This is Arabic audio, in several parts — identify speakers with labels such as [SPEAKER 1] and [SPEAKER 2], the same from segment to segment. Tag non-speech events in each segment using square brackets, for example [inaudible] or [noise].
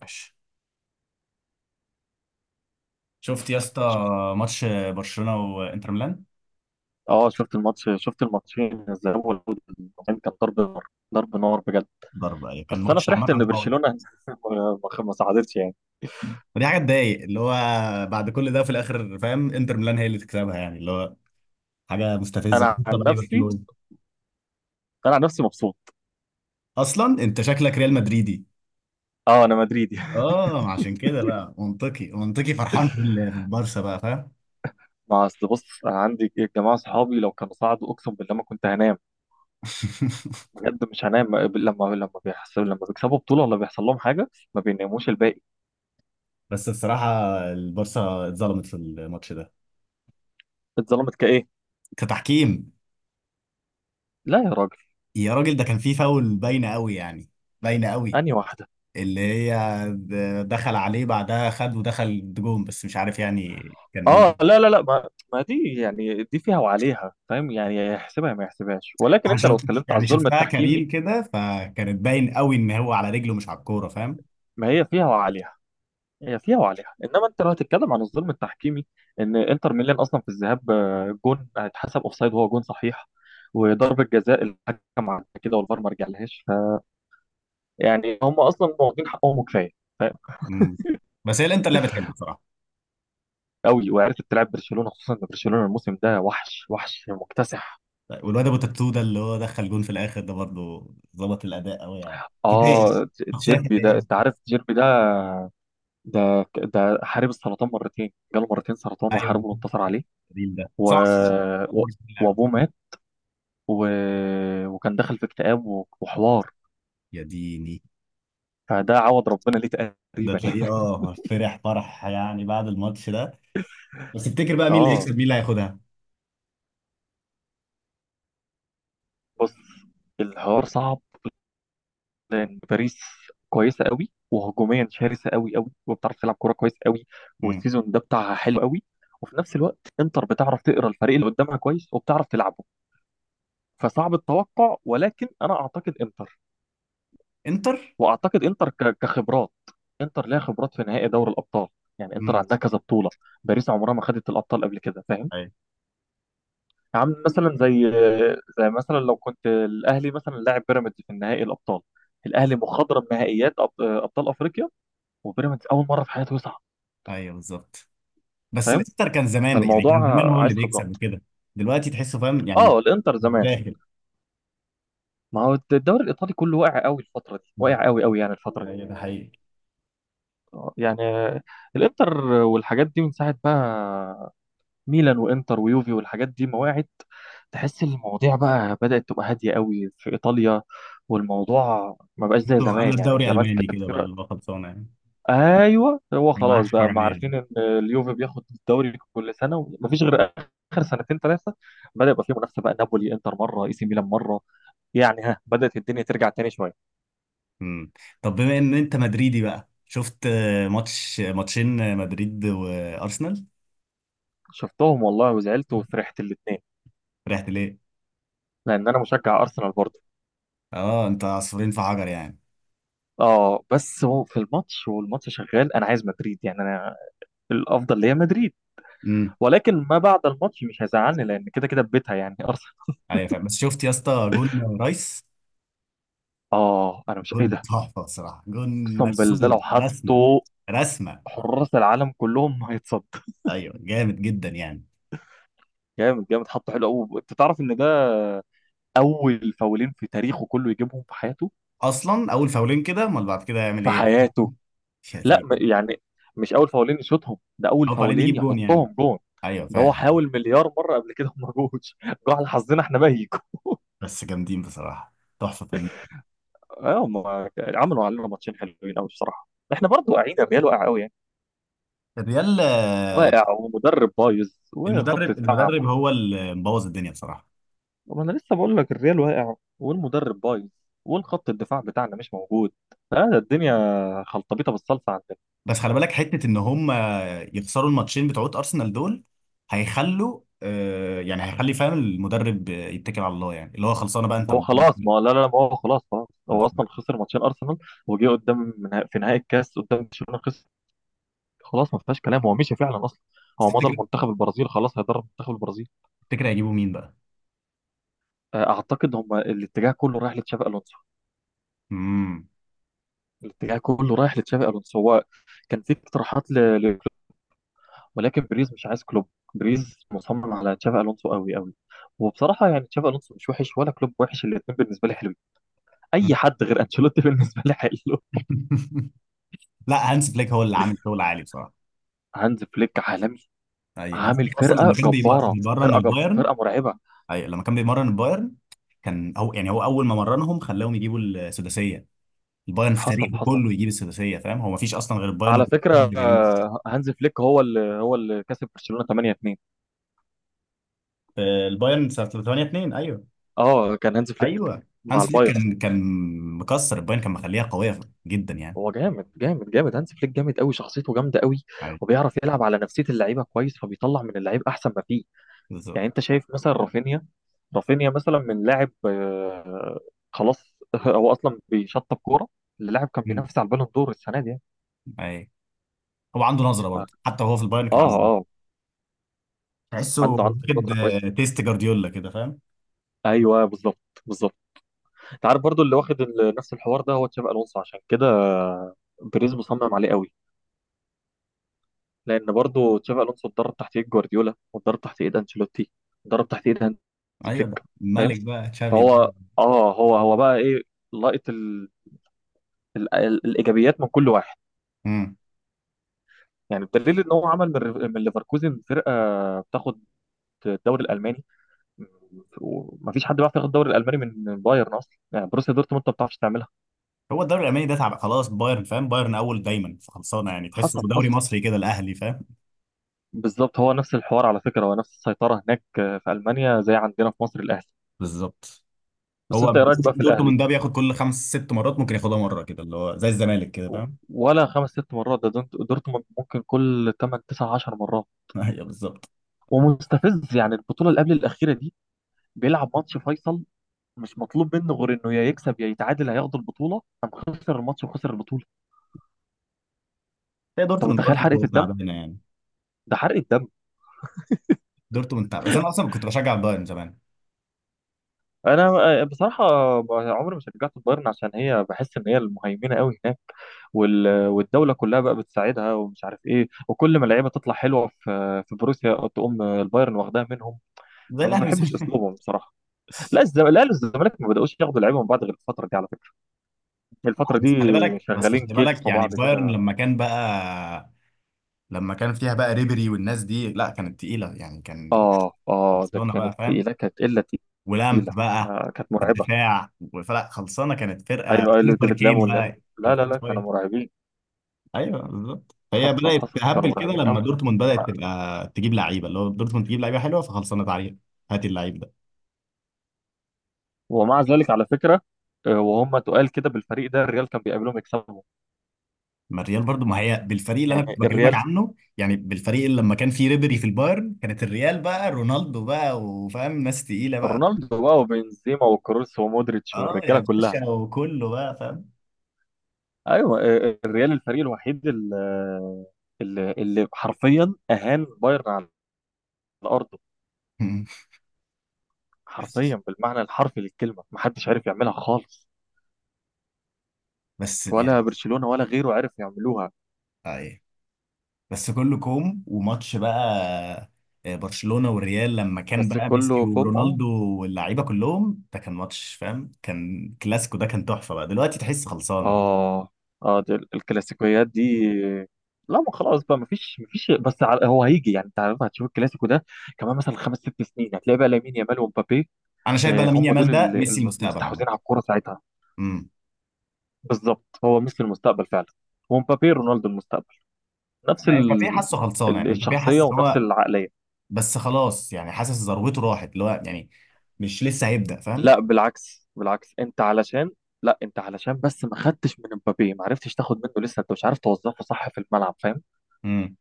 [SPEAKER 1] ماشي. شفت يا اسطى
[SPEAKER 2] شفت.
[SPEAKER 1] ماتش برشلونه وانتر ميلان؟
[SPEAKER 2] اه شفت الماتش، شفت الماتشين الذهاب والإياب. كان ضرب نار، ضرب نار بجد.
[SPEAKER 1] ضرب، أيوة. كان
[SPEAKER 2] بس انا
[SPEAKER 1] ماتش
[SPEAKER 2] فرحت ان
[SPEAKER 1] عامه قوي.
[SPEAKER 2] برشلونه [laughs] ما ساعدتش يعني.
[SPEAKER 1] ودي حاجه تضايق، اللي هو بعد كل ده في الاخر فاهم، انتر ميلان هي اللي تكسبها، يعني اللي هو حاجه مستفزه.
[SPEAKER 2] انا عن
[SPEAKER 1] طب اي
[SPEAKER 2] نفسي
[SPEAKER 1] برشلونه؟
[SPEAKER 2] انا عن نفسي مبسوط.
[SPEAKER 1] اصلا انت شكلك ريال مدريدي.
[SPEAKER 2] اه، انا مدريدي. [laughs]
[SPEAKER 1] اه، عشان كده بقى منطقي، منطقي فرحان في البارسا بقى، فاهم.
[SPEAKER 2] ما اصل بص، انا عندي جماعه صحابي لو كانوا صعدوا اقسم بالله ما كنت هنام.
[SPEAKER 1] [laughs]
[SPEAKER 2] بجد مش هنام، لما بيحصل، لما بيكسبوا بطوله ولا بيحصل لهم حاجه ما بيناموش الباقي.
[SPEAKER 1] بس بصراحه، البارسا اتظلمت في الماتش ده،
[SPEAKER 2] اتظلمت كايه؟
[SPEAKER 1] كتحكيم.
[SPEAKER 2] لا يا راجل.
[SPEAKER 1] يا راجل، ده كان فيه فاول باينه قوي يعني، باينه قوي.
[SPEAKER 2] انهي واحده؟
[SPEAKER 1] اللي هي دخل عليه بعدها، خد ودخل جون، بس مش عارف يعني كان
[SPEAKER 2] اه،
[SPEAKER 1] مين.
[SPEAKER 2] لا، لا، لا، ما دي يعني، دي فيها وعليها، فاهم؟ يعني يحسبها ما يحسبهاش، ولكن
[SPEAKER 1] انا
[SPEAKER 2] انت لو
[SPEAKER 1] شفت،
[SPEAKER 2] اتكلمت على
[SPEAKER 1] يعني
[SPEAKER 2] الظلم
[SPEAKER 1] شفتها كريل
[SPEAKER 2] التحكيمي.
[SPEAKER 1] كده، فكانت باين قوي ان هو على رجله مش على الكوره، فاهم.
[SPEAKER 2] ما هي فيها وعليها، هي فيها وعليها، انما انت لو هتتكلم عن الظلم التحكيمي. ان انتر ميلان اصلا في الذهاب، جون هيتحسب اوفسايد وهو جون صحيح. وضربة جزاء الحكم عملها كده والفار ما رجعلهاش. فيعني هم اصلا واخدين حقهم كفايه، فاهم؟
[SPEAKER 1] مم. بس هي الانتر لعبت حلو بصراحه.
[SPEAKER 2] قوي، وعرفت تلعب برشلونه، خصوصا ان برشلونه الموسم ده وحش، وحش مكتسح.
[SPEAKER 1] طيب، والواد ابو تاتو ده اللي هو دخل جون في الاخر ده برضه، ظبط الاداء قوي يعني. فدائي،
[SPEAKER 2] اه،
[SPEAKER 1] شخصيه
[SPEAKER 2] تشيربي ده، انت
[SPEAKER 1] فدائيه.
[SPEAKER 2] عارف تشيربي ده؟ ده ده حارب السرطان مرتين، جاله مرتين سرطان
[SPEAKER 1] ايوه،
[SPEAKER 2] وحاربه وانتصر عليه.
[SPEAKER 1] كريل ده
[SPEAKER 2] و...
[SPEAKER 1] سمع
[SPEAKER 2] و...
[SPEAKER 1] اللعب.
[SPEAKER 2] وابوه مات، و... وكان دخل في اكتئاب و... وحوار.
[SPEAKER 1] يا ديني.
[SPEAKER 2] فده عوض ربنا ليه
[SPEAKER 1] ده
[SPEAKER 2] تقريبا.
[SPEAKER 1] تلاقيه
[SPEAKER 2] [laughs]
[SPEAKER 1] اه، فرح فرح يعني بعد الماتش ده. بس تفتكر بقى مين اللي
[SPEAKER 2] اه
[SPEAKER 1] هيكسب، مين اللي هياخدها؟
[SPEAKER 2] بص، الحوار صعب. لان باريس كويسه قوي، وهجوميا شرسه قوي قوي، وبتعرف تلعب كوره كويس قوي.
[SPEAKER 1] مم.
[SPEAKER 2] والسيزون ده بتاعها حلو قوي. وفي نفس الوقت انتر بتعرف تقرا الفريق اللي قدامها كويس وبتعرف تلعبه. فصعب التوقع، ولكن انا اعتقد انتر،
[SPEAKER 1] انتر.
[SPEAKER 2] واعتقد انتر كخبرات. انتر ليها خبرات في نهائي دوري الابطال، يعني انتر عندها كذا بطوله. باريس عمرها ما خدت الابطال قبل كده، فاهم؟
[SPEAKER 1] ايوه،
[SPEAKER 2] عم مثلا زي زي مثلا لو كنت الاهلي مثلا لاعب بيراميدز في النهائي الابطال. الاهلي مخضرم نهائيات ابطال افريقيا. وبيراميدز اول مره في حياته يصعد،
[SPEAKER 1] ايوه، بالظبط. بس
[SPEAKER 2] فاهم؟
[SPEAKER 1] الانتر كان زمان بقى، يعني
[SPEAKER 2] فالموضوع
[SPEAKER 1] كان زمان هو
[SPEAKER 2] عايز
[SPEAKER 1] اللي بيكسب
[SPEAKER 2] خبرات.
[SPEAKER 1] وكده. دلوقتي تحسه فاهم، يعني مش
[SPEAKER 2] اه الانتر
[SPEAKER 1] مش
[SPEAKER 2] زمان.
[SPEAKER 1] داخل.
[SPEAKER 2] ما هو الدوري الايطالي كله واقع قوي الفتره دي، واقع قوي قوي يعني الفتره دي.
[SPEAKER 1] ايوه ده حقيقي.
[SPEAKER 2] يعني الانتر والحاجات دي من ساعه بقى، ميلان وانتر ويوفي والحاجات دي مواعيد. تحس المواضيع بقى بدأت تبقى هادية قوي في إيطاليا. والموضوع ما بقاش زي
[SPEAKER 1] تحسه
[SPEAKER 2] زمان،
[SPEAKER 1] قلب
[SPEAKER 2] يعني
[SPEAKER 1] دوري
[SPEAKER 2] زمان
[SPEAKER 1] الماني
[SPEAKER 2] كانت
[SPEAKER 1] كده بقى،
[SPEAKER 2] فرق.
[SPEAKER 1] اللي هو خلصانه يعني
[SPEAKER 2] ايوه هو
[SPEAKER 1] يعني ما
[SPEAKER 2] خلاص
[SPEAKER 1] حدش يتفرج
[SPEAKER 2] بقى، ما
[SPEAKER 1] عليه يعني.
[SPEAKER 2] عارفين ان اليوفي بياخد الدوري كل سنه ومفيش غير. اخر سنتين ثلاثه بدأ يبقى فيه منافسه بقى، نابولي انتر مره، اي سي ميلان مره. يعني ها، بدأت الدنيا ترجع تاني شويه.
[SPEAKER 1] امم طب بما ان انت مدريدي بقى، شفت ماتشين مدريد وارسنال؟
[SPEAKER 2] شفتهم والله وزعلت وفرحت الاثنين.
[SPEAKER 1] رحت ليه؟
[SPEAKER 2] لان انا مشجع ارسنال برضه.
[SPEAKER 1] اه، انت عصفورين في حجر يعني.
[SPEAKER 2] اه بس هو في الماتش والماتش شغال انا عايز مدريد، يعني انا الافضل ليا مدريد.
[SPEAKER 1] امم.
[SPEAKER 2] ولكن ما بعد الماتش مش هيزعلني، لان كده كده في بيتها يعني ارسنال.
[SPEAKER 1] ايوه فاهم. بس شفت يا اسطى، جون رايس.
[SPEAKER 2] اه انا مش. ايه
[SPEAKER 1] جون
[SPEAKER 2] ده؟
[SPEAKER 1] تحفه بصراحه، جون
[SPEAKER 2] اقسم بالله
[SPEAKER 1] مرسوم
[SPEAKER 2] لو
[SPEAKER 1] رسمه.
[SPEAKER 2] حطوا
[SPEAKER 1] رسمه.
[SPEAKER 2] حراس العالم كلهم هيتصد.
[SPEAKER 1] ايوه، جامد جدا يعني.
[SPEAKER 2] جامد جامد. حطه حلو قوي، انت تعرف ان ده اول فاولين في تاريخه كله يجيبهم في حياته،
[SPEAKER 1] اصلا اول فاولين كده، امال بعد كده هيعمل
[SPEAKER 2] في
[SPEAKER 1] ايه؟
[SPEAKER 2] حياته. لا،
[SPEAKER 1] شتيم.
[SPEAKER 2] يعني مش اول فاولين يشوطهم، ده اول
[SPEAKER 1] اول فاولين
[SPEAKER 2] فاولين
[SPEAKER 1] يجيب جون يعني.
[SPEAKER 2] يحطهم جون.
[SPEAKER 1] ايوه
[SPEAKER 2] ده هو
[SPEAKER 1] فاهم.
[SPEAKER 2] حاول مليار مره قبل كده وما جوش. [laughs] جه على حظنا احنا ميكو.
[SPEAKER 1] بس جامدين بصراحه، تحفه فنيه.
[SPEAKER 2] اه هم عملوا علينا ماتشين حلوين قوي بصراحه. احنا برضو واقعين، الريال واقع قوي يعني.
[SPEAKER 1] الريال.
[SPEAKER 2] واقع، ومدرب بايظ، وخط
[SPEAKER 1] المدرب
[SPEAKER 2] دفاع.
[SPEAKER 1] المدرب هو اللي مبوظ الدنيا بصراحه.
[SPEAKER 2] طب انا لسه بقول لك الريال واقع والمدرب بايظ والخط الدفاع بتاعنا مش موجود. فهذا الدنيا خلطبيطه بالصلصه عندنا.
[SPEAKER 1] بس خلي بالك حته ان هم يخسروا الماتشين بتوعت ارسنال دول، هيخلوا آه، يعني هيخلي، فاهم، المدرب يتكل على الله يعني، اللي هو خلصانه بقى انت
[SPEAKER 2] هو خلاص. ما
[SPEAKER 1] مدرب.
[SPEAKER 2] هو- لا، لا، لا، ما هو خلاص خلاص، هو
[SPEAKER 1] بس
[SPEAKER 2] اصلا خسر ماتشين ارسنال. وجه قدام في نهائي الكاس قدام برشلونه خسر. خلاص ما فيهاش كلام، هو مشي فعلا اصلا.
[SPEAKER 1] بس
[SPEAKER 2] هو مضى
[SPEAKER 1] تفتكر
[SPEAKER 2] المنتخب البرازيل، خلاص هيدرب منتخب البرازيل.
[SPEAKER 1] تفتكر هيجيبوا مين بقى؟
[SPEAKER 2] اعتقد هم الاتجاه كله رايح لتشافي الونسو.
[SPEAKER 1] امم.
[SPEAKER 2] الاتجاه كله رايح لتشافي الونسو، هو كان في اقتراحات ولكن بريز مش عايز كلوب، بريز مصمم على تشافي الونسو قوي قوي. وبصراحه يعني تشافي الونسو مش وحش ولا كلوب وحش، الاثنين بالنسبه لي حلوين. اي
[SPEAKER 1] [laughs]
[SPEAKER 2] حد غير انشيلوتي [laughs] بالنسبه لي حلو.
[SPEAKER 1] لا، هانس فليك هو اللي عامل شغل عالي بصراحه.
[SPEAKER 2] هانز فليك عالمي.
[SPEAKER 1] ايوه، هانس
[SPEAKER 2] عامل
[SPEAKER 1] فليك اصلا لما
[SPEAKER 2] فرقه
[SPEAKER 1] كان
[SPEAKER 2] جباره،
[SPEAKER 1] بيمرن
[SPEAKER 2] فرقه
[SPEAKER 1] البايرن.
[SPEAKER 2] فرقه مرعبه.
[SPEAKER 1] أيوة. لما كان بيمرن البايرن، كان هو يعني، هو اول ما مرنهم خلاهم يجيبوا السداسيه. البايرن في
[SPEAKER 2] حصل
[SPEAKER 1] تاريخه
[SPEAKER 2] حصل.
[SPEAKER 1] كله يجيب السداسيه، فاهم، هو ما فيش اصلا غير البايرن
[SPEAKER 2] على
[SPEAKER 1] وبرشلونة
[SPEAKER 2] فكره،
[SPEAKER 1] اللي جايبين.
[SPEAKER 2] هانز فليك هو اللي كسب برشلونه 8-2.
[SPEAKER 1] البايرن سنه 8-2. ايوه،
[SPEAKER 2] اه كان هانز فليك
[SPEAKER 1] ايوه،
[SPEAKER 2] مع
[SPEAKER 1] هانس فليك
[SPEAKER 2] البايرن.
[SPEAKER 1] كان مكسر البايرن، كان مخليها قويه جدا يعني.
[SPEAKER 2] هو جامد، جامد، جامد، هانز فليك جامد قوي، شخصيته جامده قوي.
[SPEAKER 1] ايوه
[SPEAKER 2] وبيعرف يلعب على نفسيه اللعيبه كويس، فبيطلع من اللعيب احسن ما فيه.
[SPEAKER 1] بالظبط.
[SPEAKER 2] يعني انت شايف مثلا رافينيا مثلا من لاعب خلاص. [laughs] هو اصلا بيشطب كوره للاعب كان
[SPEAKER 1] مم.
[SPEAKER 2] بينافس على البالون دور السنه دي يعني.
[SPEAKER 1] ايوه، هو عنده نظره
[SPEAKER 2] ف-
[SPEAKER 1] برضه، حتى وهو في البايرن كان
[SPEAKER 2] اه
[SPEAKER 1] عنده نظرة.
[SPEAKER 2] اه
[SPEAKER 1] تحسه
[SPEAKER 2] عنده
[SPEAKER 1] واخد
[SPEAKER 2] نظره كويسه.
[SPEAKER 1] تيست جارديولا كده، فاهم.
[SPEAKER 2] ايوه بالظبط، بالظبط. انت عارف برضو اللي واخد نفس الحوار ده هو تشابي الونسو، عشان كده بيريز مصمم عليه قوي. لان برضو تشابي الونسو اتدرب تحت ايد جوارديولا، واتدرب تحت ايد انشيلوتي، اتدرب تحت ايد هانزي
[SPEAKER 1] ايوه، ده
[SPEAKER 2] فليك، فاهم؟
[SPEAKER 1] الملك بقى، تشافي ده.
[SPEAKER 2] فهو اه هو بقى ايه، لقط الايجابيات من كل واحد.
[SPEAKER 1] مم.
[SPEAKER 2] يعني بدليل ان هو عمل من من ليفركوزن فرقه بتاخد الدوري الالماني. ومفيش حد بيعرف ياخد الدوري الالماني من بايرن اصلا، يعني بروسيا دورتموند ما بتعرفش تعملها.
[SPEAKER 1] هو الدوري الالماني ده تعب خلاص، بايرن فاهم، بايرن اول دايما فخلصانه يعني، تحسه
[SPEAKER 2] حصل
[SPEAKER 1] دوري
[SPEAKER 2] حصل
[SPEAKER 1] مصري كده الاهلي، فاهم
[SPEAKER 2] بالظبط. هو نفس الحوار على فكره، هو نفس السيطره هناك في المانيا زي عندنا في مصر الاهلي.
[SPEAKER 1] بالظبط.
[SPEAKER 2] بس
[SPEAKER 1] هو [laughs]
[SPEAKER 2] انت ايه رايك بقى في الاهلي؟
[SPEAKER 1] دورتموند ده بياخد كل خمس ست مرات، ممكن ياخدها مره كده، اللي هو زي الزمالك كده،
[SPEAKER 2] و-
[SPEAKER 1] فاهم.
[SPEAKER 2] ولا خمس ست مرات، ده دورتموند ممكن كل 8 9 10 مرات.
[SPEAKER 1] [laughs] ايوه بالظبط.
[SPEAKER 2] ومستفز، يعني البطوله اللي قبل الاخيره دي بيلعب ماتش فيصل، مش مطلوب منه غير انه يا يكسب يا يتعادل هياخد البطوله، قام خسر الماتش وخسر البطوله.
[SPEAKER 1] هي
[SPEAKER 2] انت
[SPEAKER 1] دورتموند
[SPEAKER 2] متخيل
[SPEAKER 1] برضه
[SPEAKER 2] حرقة الدم؟
[SPEAKER 1] تعبانه يعني،
[SPEAKER 2] ده حرقة دم.
[SPEAKER 1] دورتموند تعب. بس انا اصلا كنت بشجع بايرن زمان.
[SPEAKER 2] انا بصراحة عمري ما شجعت البايرن، عشان هي بحس ان هي المهيمنة قوي هناك، والدولة كلها بقى بتساعدها ومش عارف ايه، وكل ما اللعيبة تطلع حلوة في بروسيا تقوم البايرن واخداها منهم.
[SPEAKER 1] زي
[SPEAKER 2] فما
[SPEAKER 1] الاهلي بالظبط.
[SPEAKER 2] بحبش
[SPEAKER 1] [laughs]
[SPEAKER 2] اسلوبهم بصراحة. لا الزمالك ما بدأوش ياخدوا لعيبة من بعض غير الفترة دي، على فكرة الفترة دي
[SPEAKER 1] بس خلي بالك بس
[SPEAKER 2] شغالين
[SPEAKER 1] خلي
[SPEAKER 2] كتف
[SPEAKER 1] بالك
[SPEAKER 2] في
[SPEAKER 1] يعني،
[SPEAKER 2] بعض
[SPEAKER 1] بايرن
[SPEAKER 2] كده.
[SPEAKER 1] لما كان فيها بقى ريبري والناس دي، لا كانت تقيله يعني، كان،
[SPEAKER 2] اه، اه، ده
[SPEAKER 1] برشلونه بقى،
[SPEAKER 2] كانت
[SPEAKER 1] فاهم،
[SPEAKER 2] تقيلة، كانت قلة تقيلة،
[SPEAKER 1] ولامب بقى
[SPEAKER 2] كانت
[SPEAKER 1] في
[SPEAKER 2] مرعبة.
[SPEAKER 1] الدفاع، فلا خلصانه كانت فرقه
[SPEAKER 2] ايوه، ايوه،
[SPEAKER 1] سوبر
[SPEAKER 2] ديفيد
[SPEAKER 1] كين
[SPEAKER 2] لامو، لا،
[SPEAKER 1] بقى، كان
[SPEAKER 2] لا،
[SPEAKER 1] في
[SPEAKER 2] لا، كانوا
[SPEAKER 1] بصوية.
[SPEAKER 2] مرعبين.
[SPEAKER 1] ايوه بالظبط، هي
[SPEAKER 2] حصل
[SPEAKER 1] بدات
[SPEAKER 2] حصل كانوا
[SPEAKER 1] تهبل كده
[SPEAKER 2] مرعبين
[SPEAKER 1] لما
[SPEAKER 2] قوي.
[SPEAKER 1] دورتموند بدات
[SPEAKER 2] انا
[SPEAKER 1] تبقى تجيب لعيبه، اللي هو دورتموند تجيب لعيبه حلوه، فخلصانه تعالى هات اللعيب ده.
[SPEAKER 2] ومع ذلك على فكره، وهم تقال كده بالفريق ده الريال كان بيقابلهم يكسبهم.
[SPEAKER 1] ما الريال برضو، ما هي بالفريق اللي
[SPEAKER 2] يعني
[SPEAKER 1] انا كنت بكلمك
[SPEAKER 2] الريال
[SPEAKER 1] عنه، يعني بالفريق اللي لما كان فيه ريبري في البايرن، كانت الريال بقى رونالدو بقى وفاهم ناس تقيله بقى.
[SPEAKER 2] رونالدو بقى وبنزيما وكروس ومودريتش
[SPEAKER 1] اه يا
[SPEAKER 2] والرجاله كلها.
[SPEAKER 1] باشا، وكله بقى فاهم.
[SPEAKER 2] ايوه، الريال الفريق الوحيد اللي حرفيا اهان بايرن على ارضه.
[SPEAKER 1] [laughs]
[SPEAKER 2] حرفيا، بالمعنى الحرفي للكلمه محدش عارف يعملها خالص.
[SPEAKER 1] بس
[SPEAKER 2] ولا
[SPEAKER 1] يعني
[SPEAKER 2] برشلونه ولا غيره عرف يعملوها.
[SPEAKER 1] اي، بس كله كوم وماتش بقى، برشلونة والريال لما كان
[SPEAKER 2] بس
[SPEAKER 1] بقى
[SPEAKER 2] كله
[SPEAKER 1] ميسي
[SPEAKER 2] كوم. اه
[SPEAKER 1] ورونالدو واللعيبة كلهم، ده كان ماتش فاهم، كان كلاسيكو، ده كان تحفة بقى، دلوقتي تحس خلصانة بقى.
[SPEAKER 2] اه اه دي الكلاسيكويات دي. لا ما خلاص بقى، مفيش، مفيش. بس هو هيجي، يعني انت عارف هتشوف الكلاسيكو ده كمان مثلا خمس ست سنين هتلاقي بقى لامين يامال ومبابي.
[SPEAKER 1] انا شايف بقى لامين
[SPEAKER 2] هم دول
[SPEAKER 1] يامال ده ميسي المستقبل عامة.
[SPEAKER 2] المستحوذين على الكوره ساعتها.
[SPEAKER 1] امم.
[SPEAKER 2] بالظبط هو ميسي المستقبل فعلا. ومبابي رونالدو المستقبل، نفس
[SPEAKER 1] لا، امبابي حاسه خلصانة يعني، امبابي
[SPEAKER 2] الشخصيه
[SPEAKER 1] حاسس
[SPEAKER 2] ونفس
[SPEAKER 1] هو.
[SPEAKER 2] العقليه.
[SPEAKER 1] بس خلاص يعني، حاسس ذروته راحت، اللي هو يعني مش لسه هيبدأ، فاهم.
[SPEAKER 2] لا بالعكس، بالعكس، انت علشان لا انت علشان بس ما خدتش من مبابي، ما عرفتش تاخد منه لسه، انت مش عارف توظفه صح في الملعب، فاهم؟
[SPEAKER 1] امم.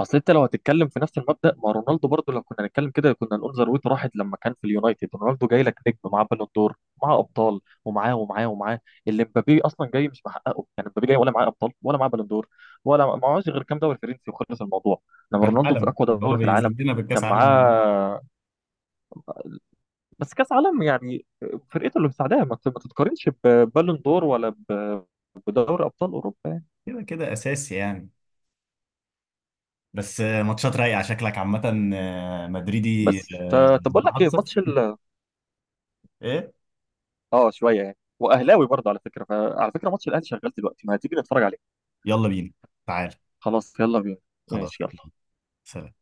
[SPEAKER 2] اصل انت لو هتتكلم في نفس المبدأ، ما رونالدو برضو لو كنا هنتكلم كده كنا نقول ذروته راحت لما كان في اليونايتد، رونالدو جاي لك نجم معاه بالون دور، معاه ابطال ومعاه ومعاه ومعاه. اللي مبابي اصلا جاي مش محققه، يعني مبابي جاي ولا معاه ابطال ولا معاه بالون دور، ولا معهوش غير كام دوري فرنسي وخلص الموضوع. لما
[SPEAKER 1] كاس
[SPEAKER 2] رونالدو في
[SPEAKER 1] عالم
[SPEAKER 2] اقوى
[SPEAKER 1] اللي هو
[SPEAKER 2] دوري في العالم
[SPEAKER 1] بيذلنا
[SPEAKER 2] كان
[SPEAKER 1] بالكاس عالم.
[SPEAKER 2] معاه. بس كاس عالم يعني، فرقته اللي مساعداها ما تتقارنش ببالون دور، ولا بدوري ابطال اوروبا يعني.
[SPEAKER 1] كده كده اساسي يعني. بس ماتشات رايقه شكلك عامه، مدريدي،
[SPEAKER 2] بس فطب اقول لك ايه،
[SPEAKER 1] متعصب.
[SPEAKER 2] ماتش ال
[SPEAKER 1] ايه؟
[SPEAKER 2] اه شويه يعني، واهلاوي برضه على فكره، فعلى فكره ماتش الاهلي شغال دلوقتي، ما هتيجي نتفرج عليه؟
[SPEAKER 1] يلا بينا، تعال.
[SPEAKER 2] خلاص يلا بينا.
[SPEAKER 1] خلاص.
[SPEAKER 2] ماشي، يلا.
[SPEAKER 1] سلام.